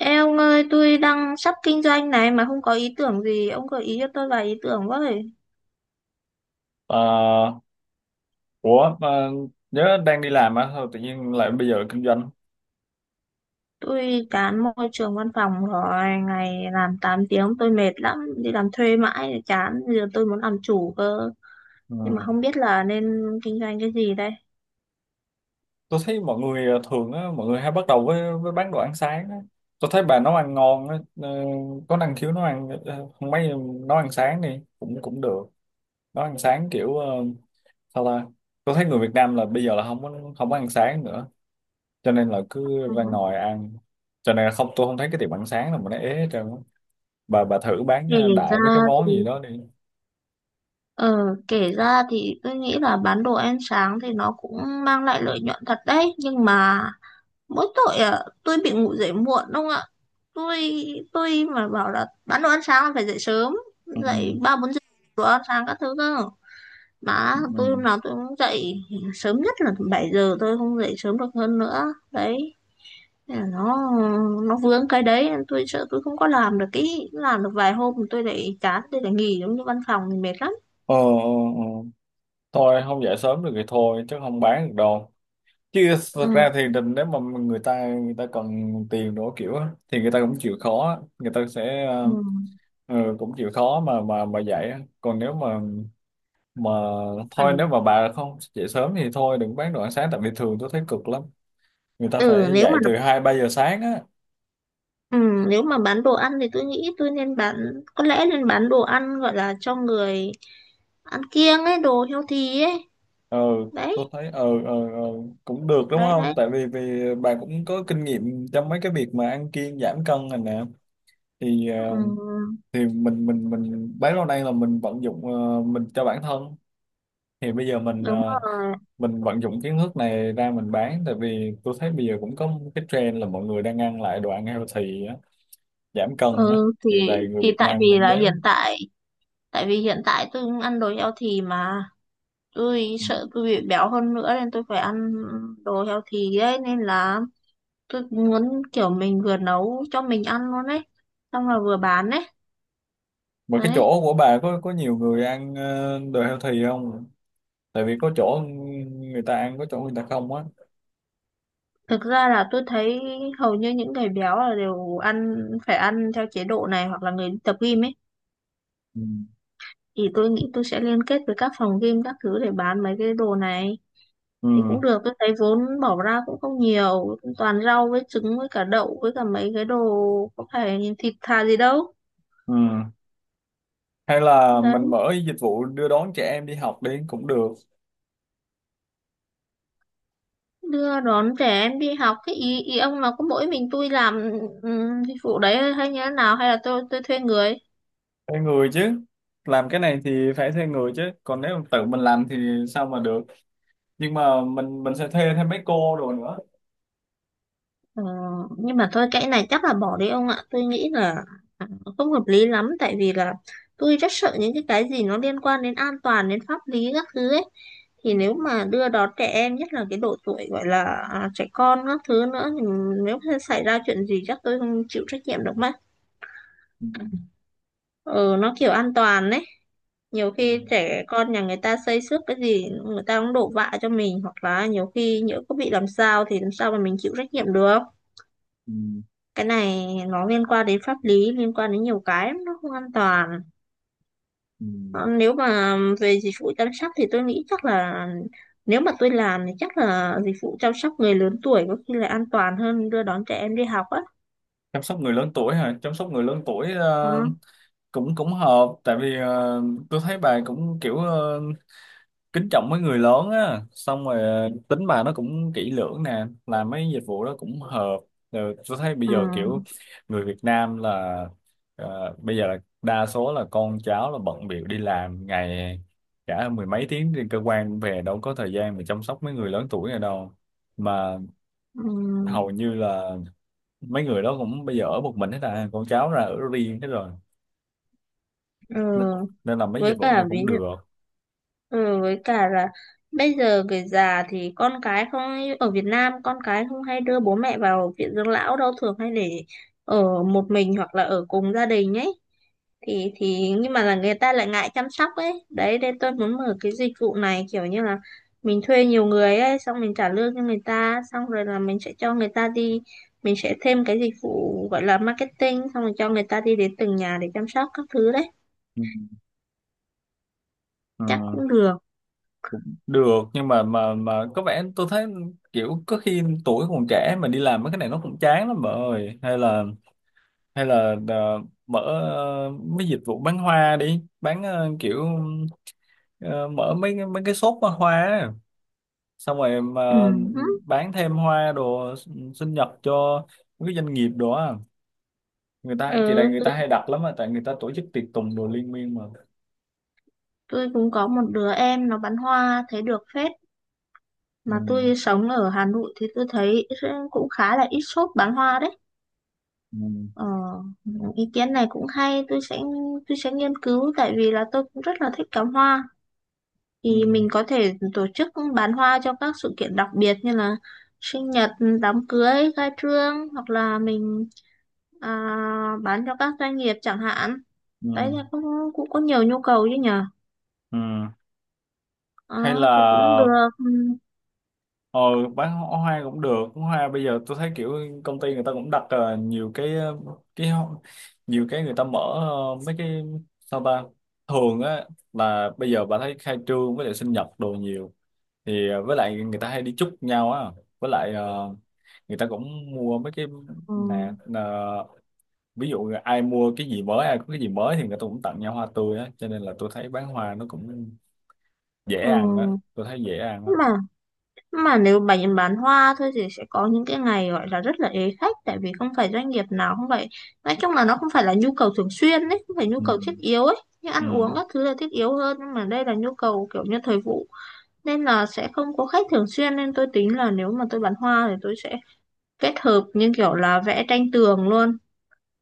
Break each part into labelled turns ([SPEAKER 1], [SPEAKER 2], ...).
[SPEAKER 1] Ê ông ơi, tôi đang sắp kinh doanh này mà không có ý tưởng gì, ông gợi ý cho tôi vài ý tưởng với.
[SPEAKER 2] Ờ, ủa mà nhớ đang đi làm á sao tự nhiên lại bây giờ kinh doanh.
[SPEAKER 1] Tôi chán môi trường văn phòng rồi, ngày làm 8 tiếng tôi mệt lắm, đi làm thuê mãi thì chán, bây giờ tôi muốn làm chủ cơ,
[SPEAKER 2] Ừ,
[SPEAKER 1] nhưng mà không biết là nên kinh doanh cái gì đây.
[SPEAKER 2] tôi thấy mọi người thường á mọi người hay bắt đầu với bán đồ ăn sáng á. Tôi thấy bà nấu ăn ngon á, có năng khiếu nấu ăn, không mấy nấu ăn sáng đi cũng cũng được. Nấu ăn sáng kiểu sao ta, tôi thấy người Việt Nam là bây giờ là không có ăn sáng nữa, cho nên là cứ
[SPEAKER 1] Ừ.
[SPEAKER 2] ra ngoài ăn. Cho nên là không, tôi không thấy cái tiệm ăn sáng nào mà nó ế hết trơn á. Bà thử bán
[SPEAKER 1] Kể
[SPEAKER 2] đại mấy cái
[SPEAKER 1] ra
[SPEAKER 2] món
[SPEAKER 1] thì
[SPEAKER 2] gì đó đi.
[SPEAKER 1] ờ kể ra thì tôi nghĩ là bán đồ ăn sáng thì nó cũng mang lại lợi nhuận thật đấy, nhưng mà mỗi tội à, tôi bị ngủ dậy muộn đúng không ạ? Tôi tôi mà bảo là bán đồ ăn sáng là phải dậy sớm,
[SPEAKER 2] Ừ.
[SPEAKER 1] dậy 3, 4 giờ, đồ ăn sáng các thứ cơ, mà
[SPEAKER 2] Ừ.
[SPEAKER 1] tôi
[SPEAKER 2] Ừ.
[SPEAKER 1] hôm nào tôi cũng dậy sớm nhất là 7 giờ, tôi không dậy sớm được hơn nữa đấy. Nó nó vướng cái đấy, tôi sợ tôi không có làm được, cái làm được vài hôm tôi lại chán, tôi lại nghỉ giống như văn phòng thì mệt lắm.
[SPEAKER 2] Ờ, ờ, ờ. Thôi không dậy sớm được thì thôi chứ không bán được đâu, chứ thật
[SPEAKER 1] Ừ.
[SPEAKER 2] ra thì định nếu mà người ta cần tiền đổ kiểu á, thì người ta cũng chịu khó á. Người ta sẽ
[SPEAKER 1] Ừ.
[SPEAKER 2] ừ, cũng chịu khó mà mà dậy á. Còn nếu mà thôi, nếu
[SPEAKER 1] Ảnh-
[SPEAKER 2] mà bà không dậy sớm thì thôi đừng bán đồ ăn sáng, tại vì thường tôi thấy cực lắm, người ta
[SPEAKER 1] ừ
[SPEAKER 2] phải
[SPEAKER 1] nếu
[SPEAKER 2] dậy
[SPEAKER 1] mà
[SPEAKER 2] từ hai ba giờ sáng á.
[SPEAKER 1] Ừ, nếu mà bán đồ ăn thì tôi nghĩ tôi nên bán, có lẽ nên bán đồ ăn gọi là cho người ăn kiêng ấy, đồ healthy ấy.
[SPEAKER 2] Ừ,
[SPEAKER 1] Đấy,
[SPEAKER 2] tôi thấy cũng được đúng
[SPEAKER 1] đấy,
[SPEAKER 2] không,
[SPEAKER 1] đấy.
[SPEAKER 2] tại vì vì bà cũng có kinh nghiệm trong mấy cái việc mà ăn kiêng giảm cân này nè, thì
[SPEAKER 1] Ừ,
[SPEAKER 2] thì mình bấy lâu nay là mình vận dụng mình cho bản thân, thì bây giờ mình
[SPEAKER 1] đúng rồi.
[SPEAKER 2] mình vận dụng kiến thức này ra mình bán. Tại vì tôi thấy bây giờ cũng có một cái trend là mọi người đang ăn lại đồ ăn healthy á, giảm cân á,
[SPEAKER 1] Ừ,
[SPEAKER 2] thì
[SPEAKER 1] thì
[SPEAKER 2] này người
[SPEAKER 1] thì
[SPEAKER 2] Việt Nam cũng béo.
[SPEAKER 1] tại vì hiện tại tôi cũng ăn đồ healthy mà, tôi
[SPEAKER 2] Ừ.
[SPEAKER 1] sợ tôi bị béo hơn nữa nên tôi phải ăn đồ healthy ấy, nên là tôi muốn kiểu mình vừa nấu cho mình ăn luôn ấy, xong là vừa bán ấy.
[SPEAKER 2] Mà cái
[SPEAKER 1] Đấy.
[SPEAKER 2] chỗ của bà có nhiều người ăn đồ healthy không? Tại vì có chỗ người ta ăn, có chỗ người ta không á.
[SPEAKER 1] Thực ra là tôi thấy hầu như những người béo là đều ăn phải ăn theo chế độ này, hoặc là người đi tập gym ấy,
[SPEAKER 2] Ừ.
[SPEAKER 1] thì tôi nghĩ tôi sẽ liên kết với các phòng gym các thứ để bán mấy cái đồ này thì cũng
[SPEAKER 2] Ừ.
[SPEAKER 1] được. Tôi thấy vốn bỏ ra cũng không nhiều, toàn rau với trứng với cả đậu với cả mấy cái đồ, có phải thịt thà gì đâu.
[SPEAKER 2] Ừ. Hay là mình
[SPEAKER 1] Đấy.
[SPEAKER 2] mở dịch vụ đưa đón trẻ em đi học đi cũng được.
[SPEAKER 1] Đưa đón trẻ em đi học, cái ý, ý ông là có mỗi mình tôi làm dịch vụ đấy, hay như thế nào, hay là tôi thuê người?
[SPEAKER 2] Thuê người chứ, làm cái này thì phải thuê người chứ, còn nếu tự mình làm thì sao mà được. Nhưng mà mình sẽ thuê thêm mấy cô đồ nữa.
[SPEAKER 1] Ờ, nhưng mà thôi cái này chắc là bỏ đi ông ạ, tôi nghĩ là không hợp lý lắm. Tại vì là tôi rất sợ những cái gì nó liên quan đến an toàn, đến pháp lý các thứ ấy, thì nếu mà đưa đón trẻ em nhất là cái độ tuổi gọi là à, trẻ con các thứ nữa thì nếu xảy ra chuyện gì chắc tôi không chịu trách nhiệm được mất.
[SPEAKER 2] Ừ,
[SPEAKER 1] Ừ, nó kiểu an toàn đấy, nhiều
[SPEAKER 2] ừ,
[SPEAKER 1] khi trẻ con nhà người ta xây xước cái gì người ta cũng đổ vạ cho mình, hoặc là nhiều khi nhỡ có bị làm sao thì làm sao mà mình chịu trách nhiệm được.
[SPEAKER 2] ừ,
[SPEAKER 1] Cái này nó liên quan đến pháp lý, liên quan đến nhiều cái lắm, nó không an toàn.
[SPEAKER 2] ừ.
[SPEAKER 1] Ờ, nếu mà về dịch vụ chăm sóc thì tôi nghĩ chắc là, nếu mà tôi làm thì chắc là dịch vụ chăm sóc người lớn tuổi có khi là an toàn hơn đưa đón trẻ em đi học á.
[SPEAKER 2] Chăm sóc người lớn tuổi hả? Chăm sóc người lớn tuổi,
[SPEAKER 1] Ừ.
[SPEAKER 2] cũng cũng hợp, tại vì tôi thấy bà cũng kiểu kính trọng mấy người lớn á, xong rồi tính bà nó cũng kỹ lưỡng nè, làm mấy dịch vụ đó cũng hợp. Rồi tôi thấy bây
[SPEAKER 1] Ừ.
[SPEAKER 2] giờ kiểu người Việt Nam là bây giờ là đa số là con cháu là bận bịu đi làm ngày cả mười mấy tiếng trên cơ quan, về đâu có thời gian mà chăm sóc mấy người lớn tuổi này đâu, mà
[SPEAKER 1] Ừ.
[SPEAKER 2] hầu như là mấy người đó cũng bây giờ ở một mình hết à, con cháu ra ở riêng hết rồi,
[SPEAKER 1] Ừ.
[SPEAKER 2] nên, nên là mấy dịch
[SPEAKER 1] Với
[SPEAKER 2] vụ
[SPEAKER 1] cả
[SPEAKER 2] này
[SPEAKER 1] ví
[SPEAKER 2] cũng
[SPEAKER 1] dụ
[SPEAKER 2] được.
[SPEAKER 1] Ừ, với cả là bây giờ người già thì con cái không, ở Việt Nam con cái không hay đưa bố mẹ vào viện dưỡng lão đâu, thường hay để ở một mình hoặc là ở cùng gia đình ấy, thì nhưng mà là người ta lại ngại chăm sóc ấy, đấy nên tôi muốn mở cái dịch vụ này kiểu như là mình thuê nhiều người ấy, xong mình trả lương cho người ta, xong rồi là mình sẽ cho người ta đi, mình sẽ thêm cái dịch vụ gọi là marketing, xong rồi cho người ta đi đến từng nhà để chăm sóc các thứ đấy,
[SPEAKER 2] Ừ. Ừ.
[SPEAKER 1] chắc cũng được.
[SPEAKER 2] Cũng được, nhưng mà mà có vẻ tôi thấy kiểu có khi tuổi còn trẻ mà đi làm mấy cái này nó cũng chán lắm bà ơi. Hay là hay là mở mấy dịch vụ bán hoa đi, bán kiểu ờ, mở mấy cái shop bán hoa á. Xong rồi
[SPEAKER 1] Ừ.
[SPEAKER 2] mà bán thêm hoa đồ sinh nhật cho mấy cái doanh nghiệp đồ á, người ta kỳ này
[SPEAKER 1] Ừ,
[SPEAKER 2] người ta hay đặt lắm á, tại người ta tổ chức tiệc tùng đồ liên miên mà.
[SPEAKER 1] tôi cũng có một đứa em nó bán hoa, thấy được phết,
[SPEAKER 2] Ừ,
[SPEAKER 1] mà tôi sống ở Hà Nội thì tôi thấy cũng khá là ít shop bán hoa đấy.
[SPEAKER 2] ừ,
[SPEAKER 1] Ờ, ý kiến này cũng hay, tôi sẽ nghiên cứu, tại vì là tôi cũng rất là thích cắm hoa,
[SPEAKER 2] ừ,
[SPEAKER 1] thì mình có thể tổ chức bán hoa cho các sự kiện đặc biệt như là sinh nhật, đám cưới, khai trương, hoặc là mình, à, bán cho các doanh nghiệp chẳng hạn. Đấy
[SPEAKER 2] ừ.
[SPEAKER 1] là cũng cũng có nhiều nhu cầu chứ nhở.
[SPEAKER 2] Ừ.
[SPEAKER 1] Ờ,
[SPEAKER 2] Hay
[SPEAKER 1] thì cũng
[SPEAKER 2] là
[SPEAKER 1] được. Ừ,
[SPEAKER 2] ờ bán hoa, hoa cũng được. Hoa bây giờ tôi thấy kiểu công ty người ta cũng đặt nhiều cái, cái ho- nhiều cái người ta mở mấy cái, sao ta, thường á là bây giờ bà thấy khai trương với lại sinh nhật đồ nhiều, thì với lại người ta hay đi chúc nhau á, với lại người ta cũng mua mấy cái
[SPEAKER 1] ừ.
[SPEAKER 2] nè nè, ví dụ ai mua cái gì mới, ai có cái gì mới thì người ta cũng tặng nhau hoa tươi á, cho nên là tôi thấy bán hoa nó cũng dễ
[SPEAKER 1] Ừ.
[SPEAKER 2] ăn á. Tôi thấy dễ ăn á.
[SPEAKER 1] Nhưng mà nếu bạn bán hoa thôi thì sẽ có những cái ngày gọi là rất là ế khách, tại vì không phải doanh nghiệp nào, không phải, nói chung là nó không phải là nhu cầu thường xuyên ấy, không phải nhu
[SPEAKER 2] Ừ.
[SPEAKER 1] cầu thiết yếu ấy như ăn uống
[SPEAKER 2] Ừ.
[SPEAKER 1] các thứ là thiết yếu hơn, nhưng mà đây là nhu cầu kiểu như thời vụ nên là sẽ không có khách thường xuyên. Nên tôi tính là nếu mà tôi bán hoa thì tôi sẽ kết hợp như kiểu là vẽ tranh tường luôn,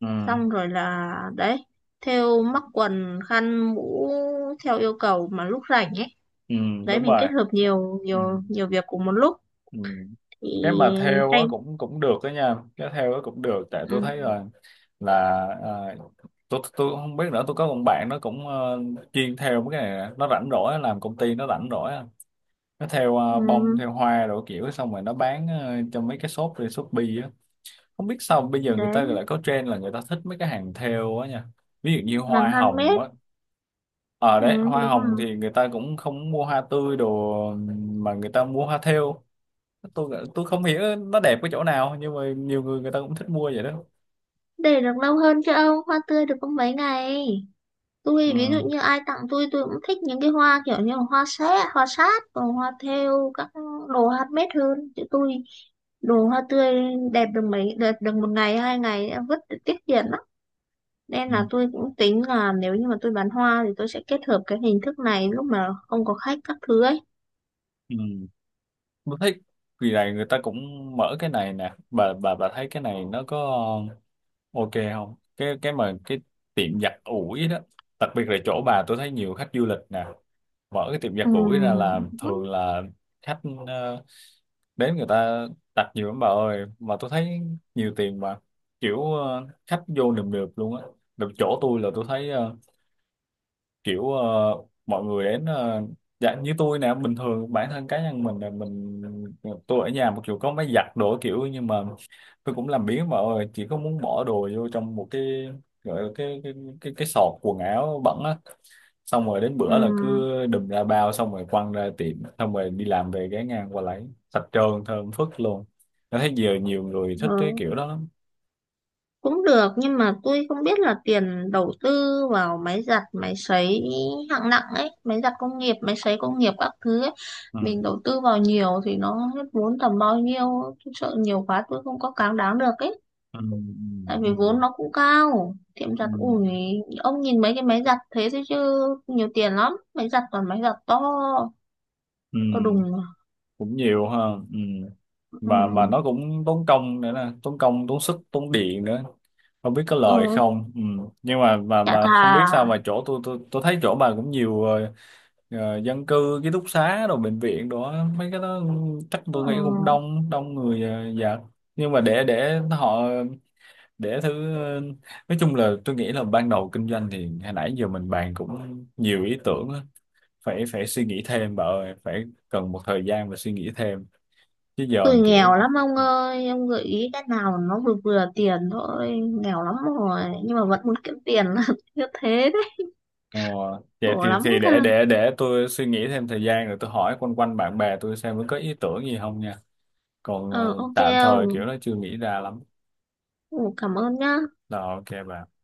[SPEAKER 2] Ừ.
[SPEAKER 1] xong rồi là đấy, thêu mắc quần khăn mũ theo yêu cầu mà lúc rảnh ấy.
[SPEAKER 2] Ừ,
[SPEAKER 1] Đấy,
[SPEAKER 2] đúng
[SPEAKER 1] mình kết
[SPEAKER 2] rồi.
[SPEAKER 1] hợp nhiều
[SPEAKER 2] Ừ,
[SPEAKER 1] nhiều nhiều việc cùng một lúc.
[SPEAKER 2] ừ. Cái
[SPEAKER 1] Thì
[SPEAKER 2] mà theo á
[SPEAKER 1] tranh.
[SPEAKER 2] cũng cũng được đó nha, cái theo á cũng được, tại tôi
[SPEAKER 1] Ừ.
[SPEAKER 2] thấy là là à, tôi cũng không biết nữa, tôi có một bạn nó cũng chuyên theo mấy cái này nè. Nó rảnh rỗi á, làm công ty nó rảnh rỗi á. Nó theo
[SPEAKER 1] Ừ.
[SPEAKER 2] bông theo hoa, rồi kiểu xong rồi nó bán cho mấy cái shop trên Shopee á. Không biết sao bây giờ người ta
[SPEAKER 1] Đến
[SPEAKER 2] lại có trend là người ta thích mấy cái hàng theo á nha, ví dụ như
[SPEAKER 1] hàng
[SPEAKER 2] hoa
[SPEAKER 1] trăm
[SPEAKER 2] hồng
[SPEAKER 1] mét.
[SPEAKER 2] á. Ờ
[SPEAKER 1] Ừ.
[SPEAKER 2] đấy, hoa
[SPEAKER 1] Đúng
[SPEAKER 2] hồng
[SPEAKER 1] rồi.
[SPEAKER 2] thì người ta cũng không mua hoa tươi đồ, mà người ta mua hoa thêu. Tôi không hiểu nó đẹp cái chỗ nào, nhưng mà nhiều người người ta cũng thích mua vậy đó.
[SPEAKER 1] Để được lâu hơn chứ ông, hoa tươi được có mấy ngày.
[SPEAKER 2] Ừ.
[SPEAKER 1] Tôi ví dụ như ai tặng tôi cũng thích những cái hoa kiểu như là hoa sét hoa sát và hoa thêu các đồ handmade hơn. Chứ tôi đồ hoa tươi đẹp được mấy, đẹp được 1 ngày 2 ngày đã vứt, để tiết kiệm lắm. Nên
[SPEAKER 2] Ừ.
[SPEAKER 1] là tôi cũng tính là nếu như mà tôi bán hoa thì tôi sẽ kết hợp cái hình thức này lúc mà không có khách các thứ ấy.
[SPEAKER 2] Ừ. Tôi thấy kỳ này người ta cũng mở cái này nè, bà thấy cái này nó có ok không, cái mà cái tiệm giặt ủi đó. Đặc biệt là chỗ bà tôi thấy nhiều khách du lịch nè, mở cái tiệm giặt ủi ra là
[SPEAKER 1] Ừm.
[SPEAKER 2] thường là khách ờ, đến người ta đặt nhiều lắm bà ơi, mà tôi thấy nhiều tiền mà kiểu khách vô nườm nượp luôn á. Được, chỗ tôi là tôi thấy kiểu mọi người đến dạ như tôi nè, bình thường bản thân cá nhân mình là mình, tôi ở nhà một kiểu có máy giặt đồ kiểu, nhưng mà tôi cũng làm biếng mà ơi, chỉ có muốn bỏ đồ vô trong một cái, gọi là cái sọt quần áo bẩn á, xong rồi đến bữa là cứ
[SPEAKER 1] Ừm.
[SPEAKER 2] đùm ra bao, xong rồi quăng ra tiệm, xong rồi đi làm về ghé ngang qua lấy, sạch trơn thơm phức luôn. Tôi thấy giờ nhiều người thích cái
[SPEAKER 1] Ừ.
[SPEAKER 2] kiểu đó lắm.
[SPEAKER 1] Cũng được, nhưng mà tôi không biết là tiền đầu tư vào máy giặt máy sấy hạng nặng ấy, máy giặt công nghiệp máy sấy công nghiệp các thứ ấy,
[SPEAKER 2] Ừ.
[SPEAKER 1] mình đầu tư vào nhiều thì nó hết vốn tầm bao nhiêu, tôi sợ nhiều quá tôi không có cám đáng được ấy.
[SPEAKER 2] Ừ. Ừ.
[SPEAKER 1] Tại vì vốn nó cũng cao, tiệm
[SPEAKER 2] Ừ.
[SPEAKER 1] giặt
[SPEAKER 2] Ừ.
[SPEAKER 1] ủi ông nhìn mấy cái máy giặt thế thôi chứ nhiều tiền lắm, máy giặt toàn máy giặt to,
[SPEAKER 2] Ừ.
[SPEAKER 1] to đùng.
[SPEAKER 2] Cũng nhiều ha. Ừ.
[SPEAKER 1] Ừ.
[SPEAKER 2] mà
[SPEAKER 1] Ừ.
[SPEAKER 2] nó cũng tốn công nữa nè, tốn công tốn sức tốn điện nữa, không biết có
[SPEAKER 1] Ừ,
[SPEAKER 2] lời không. Ừ. Nhưng mà mà
[SPEAKER 1] chả
[SPEAKER 2] mà
[SPEAKER 1] thà.
[SPEAKER 2] không biết sao mà chỗ tôi, tôi thấy chỗ bà cũng nhiều dân cư ký túc xá rồi bệnh viện đó mấy cái đó, ừ, chắc
[SPEAKER 1] Ừ.
[SPEAKER 2] tôi nghĩ cũng đông đông người dạ. Nhưng mà để họ để thứ nói chung là tôi nghĩ là ban đầu kinh doanh thì hồi nãy giờ mình bàn cũng nhiều ý tưởng á. Phải phải suy nghĩ thêm bà ơi, phải cần một thời gian và suy nghĩ thêm chứ giờ
[SPEAKER 1] Tôi nghèo
[SPEAKER 2] kiểu
[SPEAKER 1] lắm ông ơi, ông gợi ý cái nào nó vừa vừa tiền thôi, nghèo lắm rồi, nhưng mà vẫn muốn kiếm tiền là như thế đấy,
[SPEAKER 2] ờ, vậy
[SPEAKER 1] khổ lắm
[SPEAKER 2] thì
[SPEAKER 1] cơ.
[SPEAKER 2] để tôi suy nghĩ thêm thời gian rồi tôi hỏi quanh quanh bạn bè tôi xem có ý tưởng gì không nha. Còn
[SPEAKER 1] Ờ, OK
[SPEAKER 2] tạm thời
[SPEAKER 1] ông,
[SPEAKER 2] kiểu nó chưa nghĩ ra lắm.
[SPEAKER 1] ồ, cảm ơn nhá.
[SPEAKER 2] Rồi, ok bạn.